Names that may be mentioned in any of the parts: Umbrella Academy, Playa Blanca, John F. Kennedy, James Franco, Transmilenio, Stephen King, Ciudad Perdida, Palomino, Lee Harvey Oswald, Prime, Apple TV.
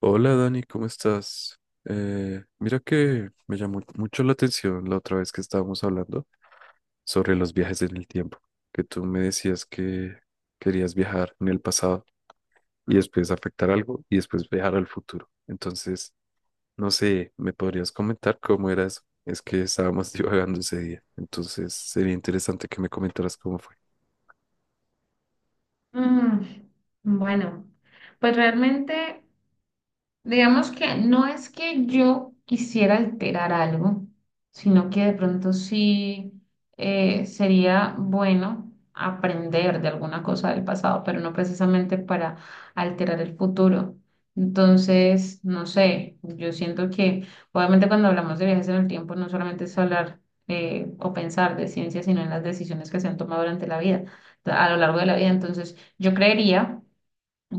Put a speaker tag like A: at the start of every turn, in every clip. A: Hola Dani, ¿cómo estás? Mira que me llamó mucho la atención la otra vez que estábamos hablando sobre los viajes en el tiempo, que tú me decías que querías viajar en el pasado y después afectar algo y después viajar al futuro. Entonces, no sé, ¿me podrías comentar cómo era eso? Es que estábamos divagando ese día, entonces sería interesante que me comentaras cómo fue.
B: Mm, bueno, pues realmente. Digamos que no es que yo quisiera alterar algo, sino que de pronto sí sería bueno aprender de alguna cosa del pasado, pero no precisamente para alterar el futuro. Entonces, no sé, yo siento que obviamente cuando hablamos de viajes en el tiempo no solamente es hablar o pensar de ciencia, sino en las decisiones que se han tomado durante la vida, a lo largo de la vida. Entonces, yo creería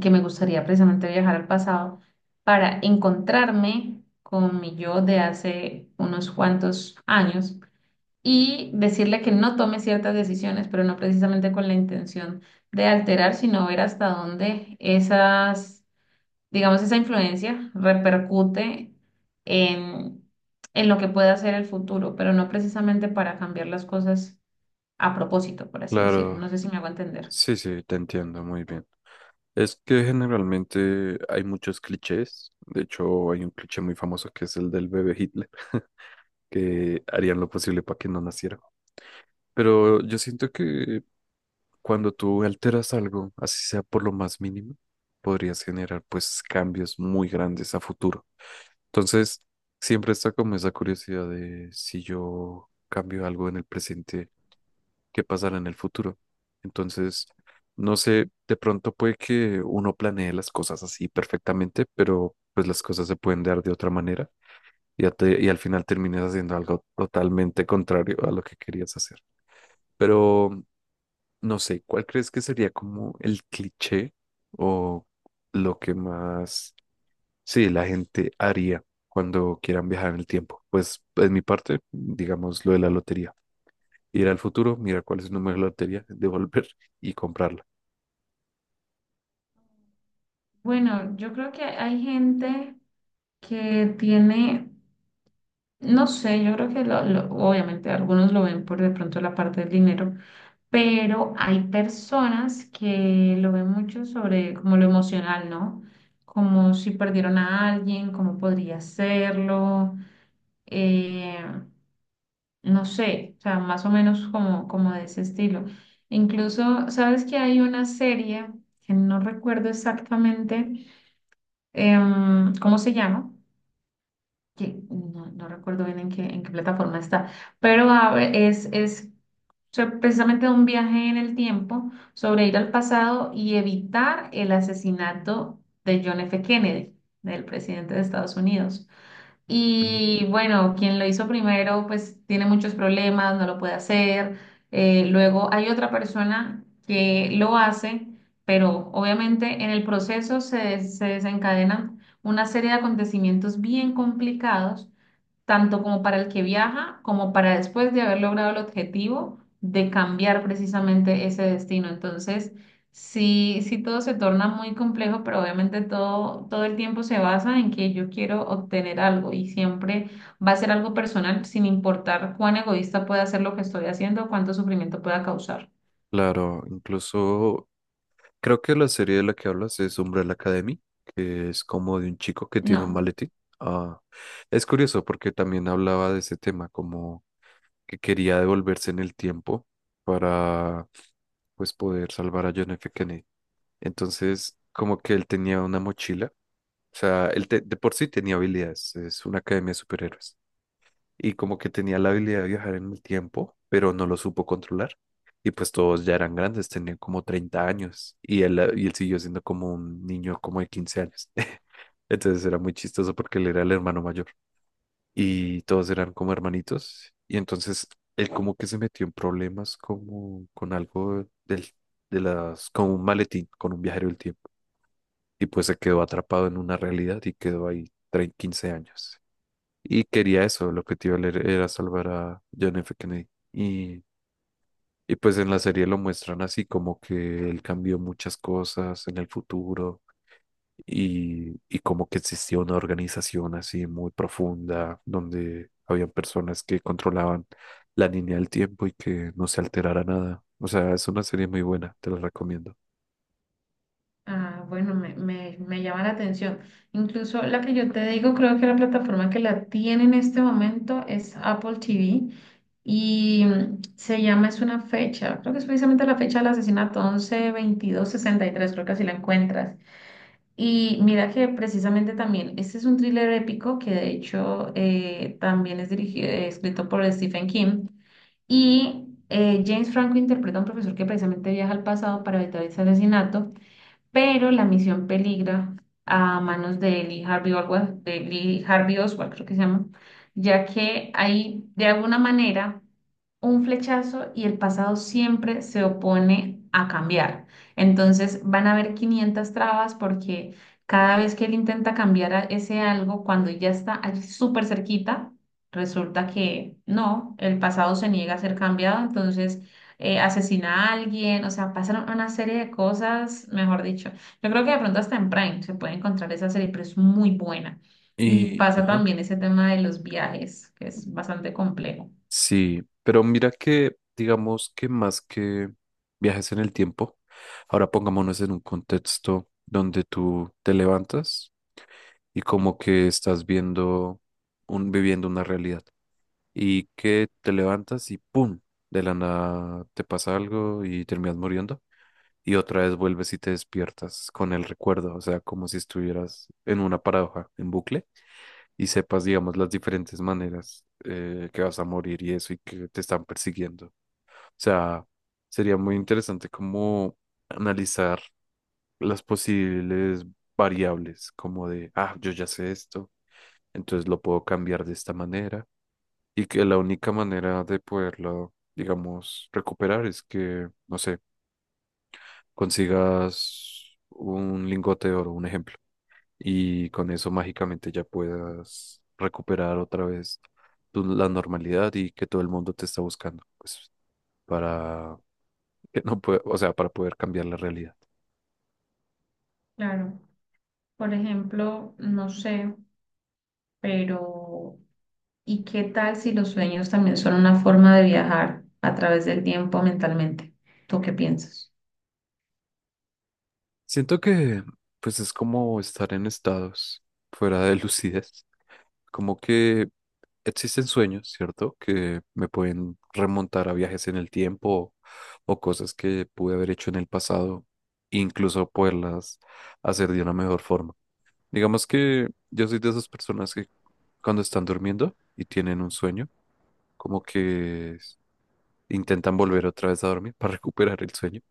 B: que me gustaría precisamente viajar al pasado para encontrarme con mi yo de hace unos cuantos años y decirle que no tome ciertas decisiones, pero no precisamente con la intención de alterar, sino ver hasta dónde esas, digamos, esa influencia repercute en, en lo que pueda ser el futuro, pero no precisamente para cambiar las cosas a propósito, por así decirlo.
A: Claro,
B: No sé si me hago entender.
A: sí, sí, te entiendo muy bien. Es que generalmente hay muchos clichés. De hecho, hay un cliché muy famoso que es el del bebé Hitler, que harían lo posible para que no naciera. Pero yo siento que cuando tú alteras algo, así sea por lo más mínimo, podrías generar pues cambios muy grandes a futuro. Entonces, siempre está como esa curiosidad de si yo cambio algo en el presente que pasará en el futuro. Entonces, no sé, de pronto puede que uno planee las cosas así perfectamente, pero pues las cosas se pueden dar de otra manera y, y al final terminas haciendo algo totalmente contrario a lo que querías hacer. Pero no sé, ¿cuál crees que sería como el cliché o lo que más, sí, la gente haría cuando quieran viajar en el tiempo? Pues, en mi parte, digamos lo de la lotería ir al futuro, mirar cuál es el número de la lotería, devolver y comprarla.
B: Bueno, yo creo que hay gente que tiene, no sé, yo creo que obviamente algunos lo ven por de pronto la parte del dinero, pero hay personas que lo ven mucho sobre como lo emocional, ¿no? Como si perdieron a alguien, cómo podría hacerlo, eh, no sé, o sea, más o menos como de ese estilo. Incluso, ¿sabes que hay una serie que no recuerdo exactamente cómo se llama? Que no recuerdo bien en qué plataforma está, pero a ver, es precisamente un viaje en el tiempo sobre ir al pasado y evitar el asesinato de John F. Kennedy, del presidente de Estados Unidos.
A: Mm.
B: Y bueno, quien lo hizo primero, pues tiene muchos problemas, no lo puede hacer. Luego hay otra persona que lo hace, pero obviamente en el proceso se desencadenan una serie de acontecimientos bien complicados tanto como para el que viaja, como para después de haber logrado el objetivo de cambiar precisamente ese destino. Entonces, sí, sí todo se torna muy complejo, pero obviamente todo el tiempo se basa en que yo quiero obtener algo y siempre va a ser algo personal, sin importar cuán egoísta pueda ser lo que estoy haciendo o cuánto sufrimiento pueda causar.
A: Claro, incluso creo que la serie de la que hablas es Umbrella Academy, que es como de un chico que tiene un
B: No.
A: maletín. Ah, es curioso porque también hablaba de ese tema, como que quería devolverse en el tiempo para pues poder salvar a John F. Kennedy. Entonces, como que él tenía una mochila, o sea, de por sí tenía habilidades, es una academia de superhéroes y como que tenía la habilidad de viajar en el tiempo, pero no lo supo controlar. Y pues todos ya eran grandes, tenían como 30 años y él siguió siendo como un niño como de 15 años. Entonces era muy chistoso porque él era el hermano mayor y todos eran como hermanitos. Y entonces él como que se metió en problemas como con algo de las, con un maletín, con un viajero del tiempo. Y pues se quedó atrapado en una realidad y quedó ahí 30, 15 años. Y quería eso, lo que te iba a leer era salvar a John F. Kennedy. Y pues en la serie lo muestran así, como que él cambió muchas cosas en el futuro y como que existía una organización así muy profunda donde habían personas que controlaban la línea del tiempo y que no se alterara nada. O sea, es una serie muy buena, te la recomiendo.
B: Ah, bueno, me llama la atención. Incluso la que yo te digo, creo que la plataforma que la tiene en este momento es Apple TV y se llama, es una fecha, creo que es precisamente la fecha del asesinato 11/22/63. Creo que así la encuentras. Y mira que precisamente también, este es un thriller épico que de hecho también es dirigido, escrito por Stephen King y James Franco interpreta a un profesor que precisamente viaja al pasado para evitar ese asesinato, pero la misión peligra a manos de Lee Harvey Oswald, creo que se llama, ya que hay de alguna manera un flechazo y el pasado siempre se opone a cambiar. Entonces van a haber 500 trabas porque cada vez que él intenta cambiar ese algo, cuando ya está allí súper cerquita, resulta que no, el pasado se niega a ser cambiado, entonces asesina a alguien, o sea, pasan una serie de cosas, mejor dicho. Yo creo que de pronto hasta en Prime se puede encontrar esa serie, pero es muy buena. Y
A: Y,
B: pasa
A: ajá.
B: también ese tema de los viajes, que es bastante complejo.
A: Sí, pero mira que, digamos que más que viajes en el tiempo, ahora pongámonos en un contexto donde tú te levantas y como que estás viendo un, viviendo una realidad y que te levantas y ¡pum! De la nada te pasa algo y terminas muriendo y otra vez vuelves y te despiertas con el recuerdo, o sea, como si estuvieras en una paradoja, en bucle y sepas, digamos, las diferentes maneras que vas a morir y eso y que te están persiguiendo sea, sería muy interesante como analizar las posibles variables, como de, ah, yo ya sé esto, entonces lo puedo cambiar de esta manera. Y que la única manera de poderlo, digamos, recuperar es que, no sé, consigas un lingote de oro, un ejemplo, y con eso mágicamente ya puedas recuperar otra vez la normalidad y que todo el mundo te está buscando, pues, para que no puede, o sea, para poder cambiar la realidad.
B: Claro, por ejemplo, no sé, pero ¿y qué tal si los sueños también son una forma de viajar a través del tiempo mentalmente? ¿Tú qué piensas?
A: Siento que pues es como estar en estados fuera de lucidez, como que existen sueños, ¿cierto? Que me pueden remontar a viajes en el tiempo o cosas que pude haber hecho en el pasado, incluso poderlas hacer de una mejor forma. Digamos que yo soy de esas personas que cuando están durmiendo y tienen un sueño, como que intentan volver otra vez a dormir para recuperar el sueño.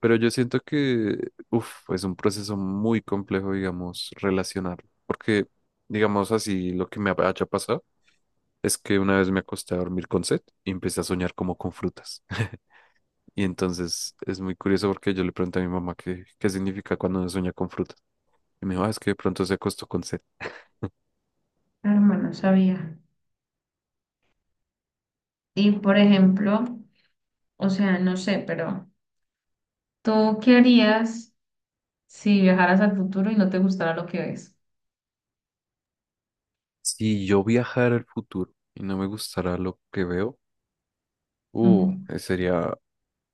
A: Pero yo siento que, uf, es un proceso muy complejo, digamos, relacionar. Porque, digamos así, lo que me haya pasado es que una vez me acosté a dormir con sed y empecé a soñar como con frutas. Y entonces es muy curioso porque yo le pregunté a mi mamá qué significa cuando uno sueña con frutas. Y me dijo, "Ah, es que de pronto se acostó con sed.
B: Hermano, no sabía. Y por ejemplo, o sea, no sé, pero ¿tú qué harías si viajaras al futuro y no te gustara lo que ves?
A: Si yo viajara al futuro y no me gustara lo que veo,
B: Ujú.
A: sería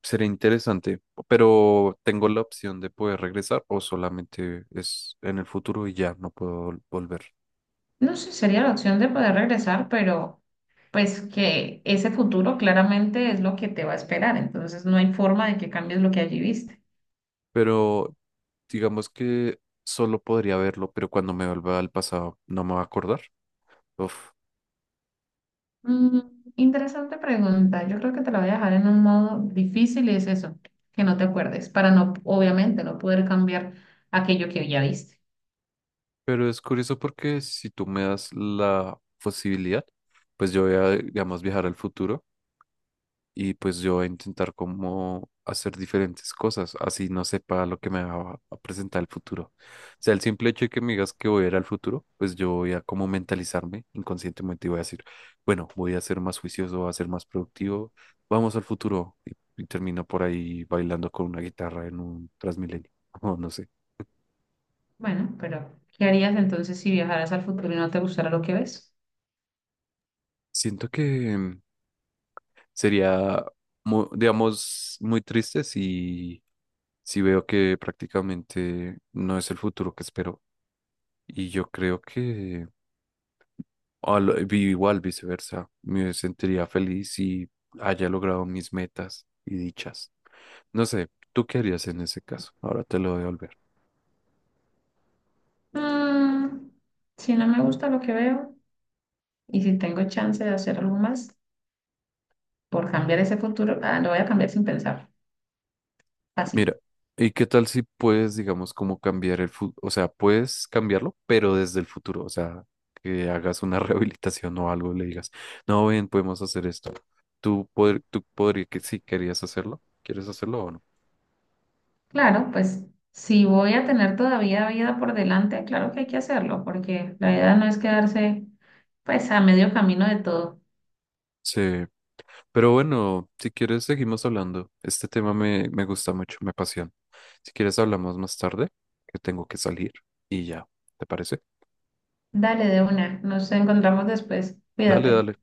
A: Sería interesante, pero tengo la opción de poder regresar o solamente es en el futuro y ya no puedo volver.
B: No sé, sería la opción de poder regresar, pero pues que ese futuro claramente es lo que te va a esperar, entonces no hay forma de que cambies lo que allí viste.
A: Pero digamos que solo podría verlo, pero cuando me vuelva al pasado no me va a acordar. Uf.
B: Mm, interesante pregunta, yo creo que te la voy a dejar en un modo difícil y es eso, que no te acuerdes, para no, obviamente, no poder cambiar aquello que ya viste.
A: Pero es curioso porque si tú me das la posibilidad, pues yo voy a, digamos, viajar al futuro y pues yo voy a intentar como hacer diferentes cosas, así no sepa lo que me va a presentar el futuro. O sea, el simple hecho de que me digas que voy a ir al futuro, pues yo voy a como mentalizarme inconscientemente y voy a decir, bueno, voy a ser más juicioso, voy a ser más productivo, vamos al futuro y termino por ahí bailando con una guitarra en un Transmilenio, o no sé.
B: Bueno, pero ¿qué harías entonces si viajaras al futuro y no te gustara lo que ves?
A: Siento que sería, mu- digamos, muy triste si si veo que prácticamente no es el futuro que espero. Y yo creo que igual viceversa, me sentiría feliz si haya logrado mis metas y dichas. No sé, ¿tú qué harías en ese caso? Ahora te lo devolver.
B: Mm, si no me gusta lo que veo. Y si tengo chance de hacer algo más por cambiar ese futuro, ah, lo voy a cambiar sin pensar. Fácil.
A: Mira, ¿y qué tal si puedes, digamos, como cambiar el futuro? O sea, puedes cambiarlo, pero desde el futuro. O sea, que hagas una rehabilitación o algo, le digas, no, ven, podemos hacer esto. ¿Tú, poder, tú podrías que sí querías hacerlo? ¿Quieres hacerlo o no?
B: Claro, pues si voy a tener todavía vida por delante, claro que hay que hacerlo, porque la vida no es quedarse pues a medio camino de todo.
A: Sí. Pero bueno, si quieres seguimos hablando. Este tema me gusta mucho, me apasiona. Si quieres hablamos más tarde, que tengo que salir y ya, ¿te parece?
B: Dale de una, nos encontramos después.
A: Dale,
B: Cuídate.
A: dale.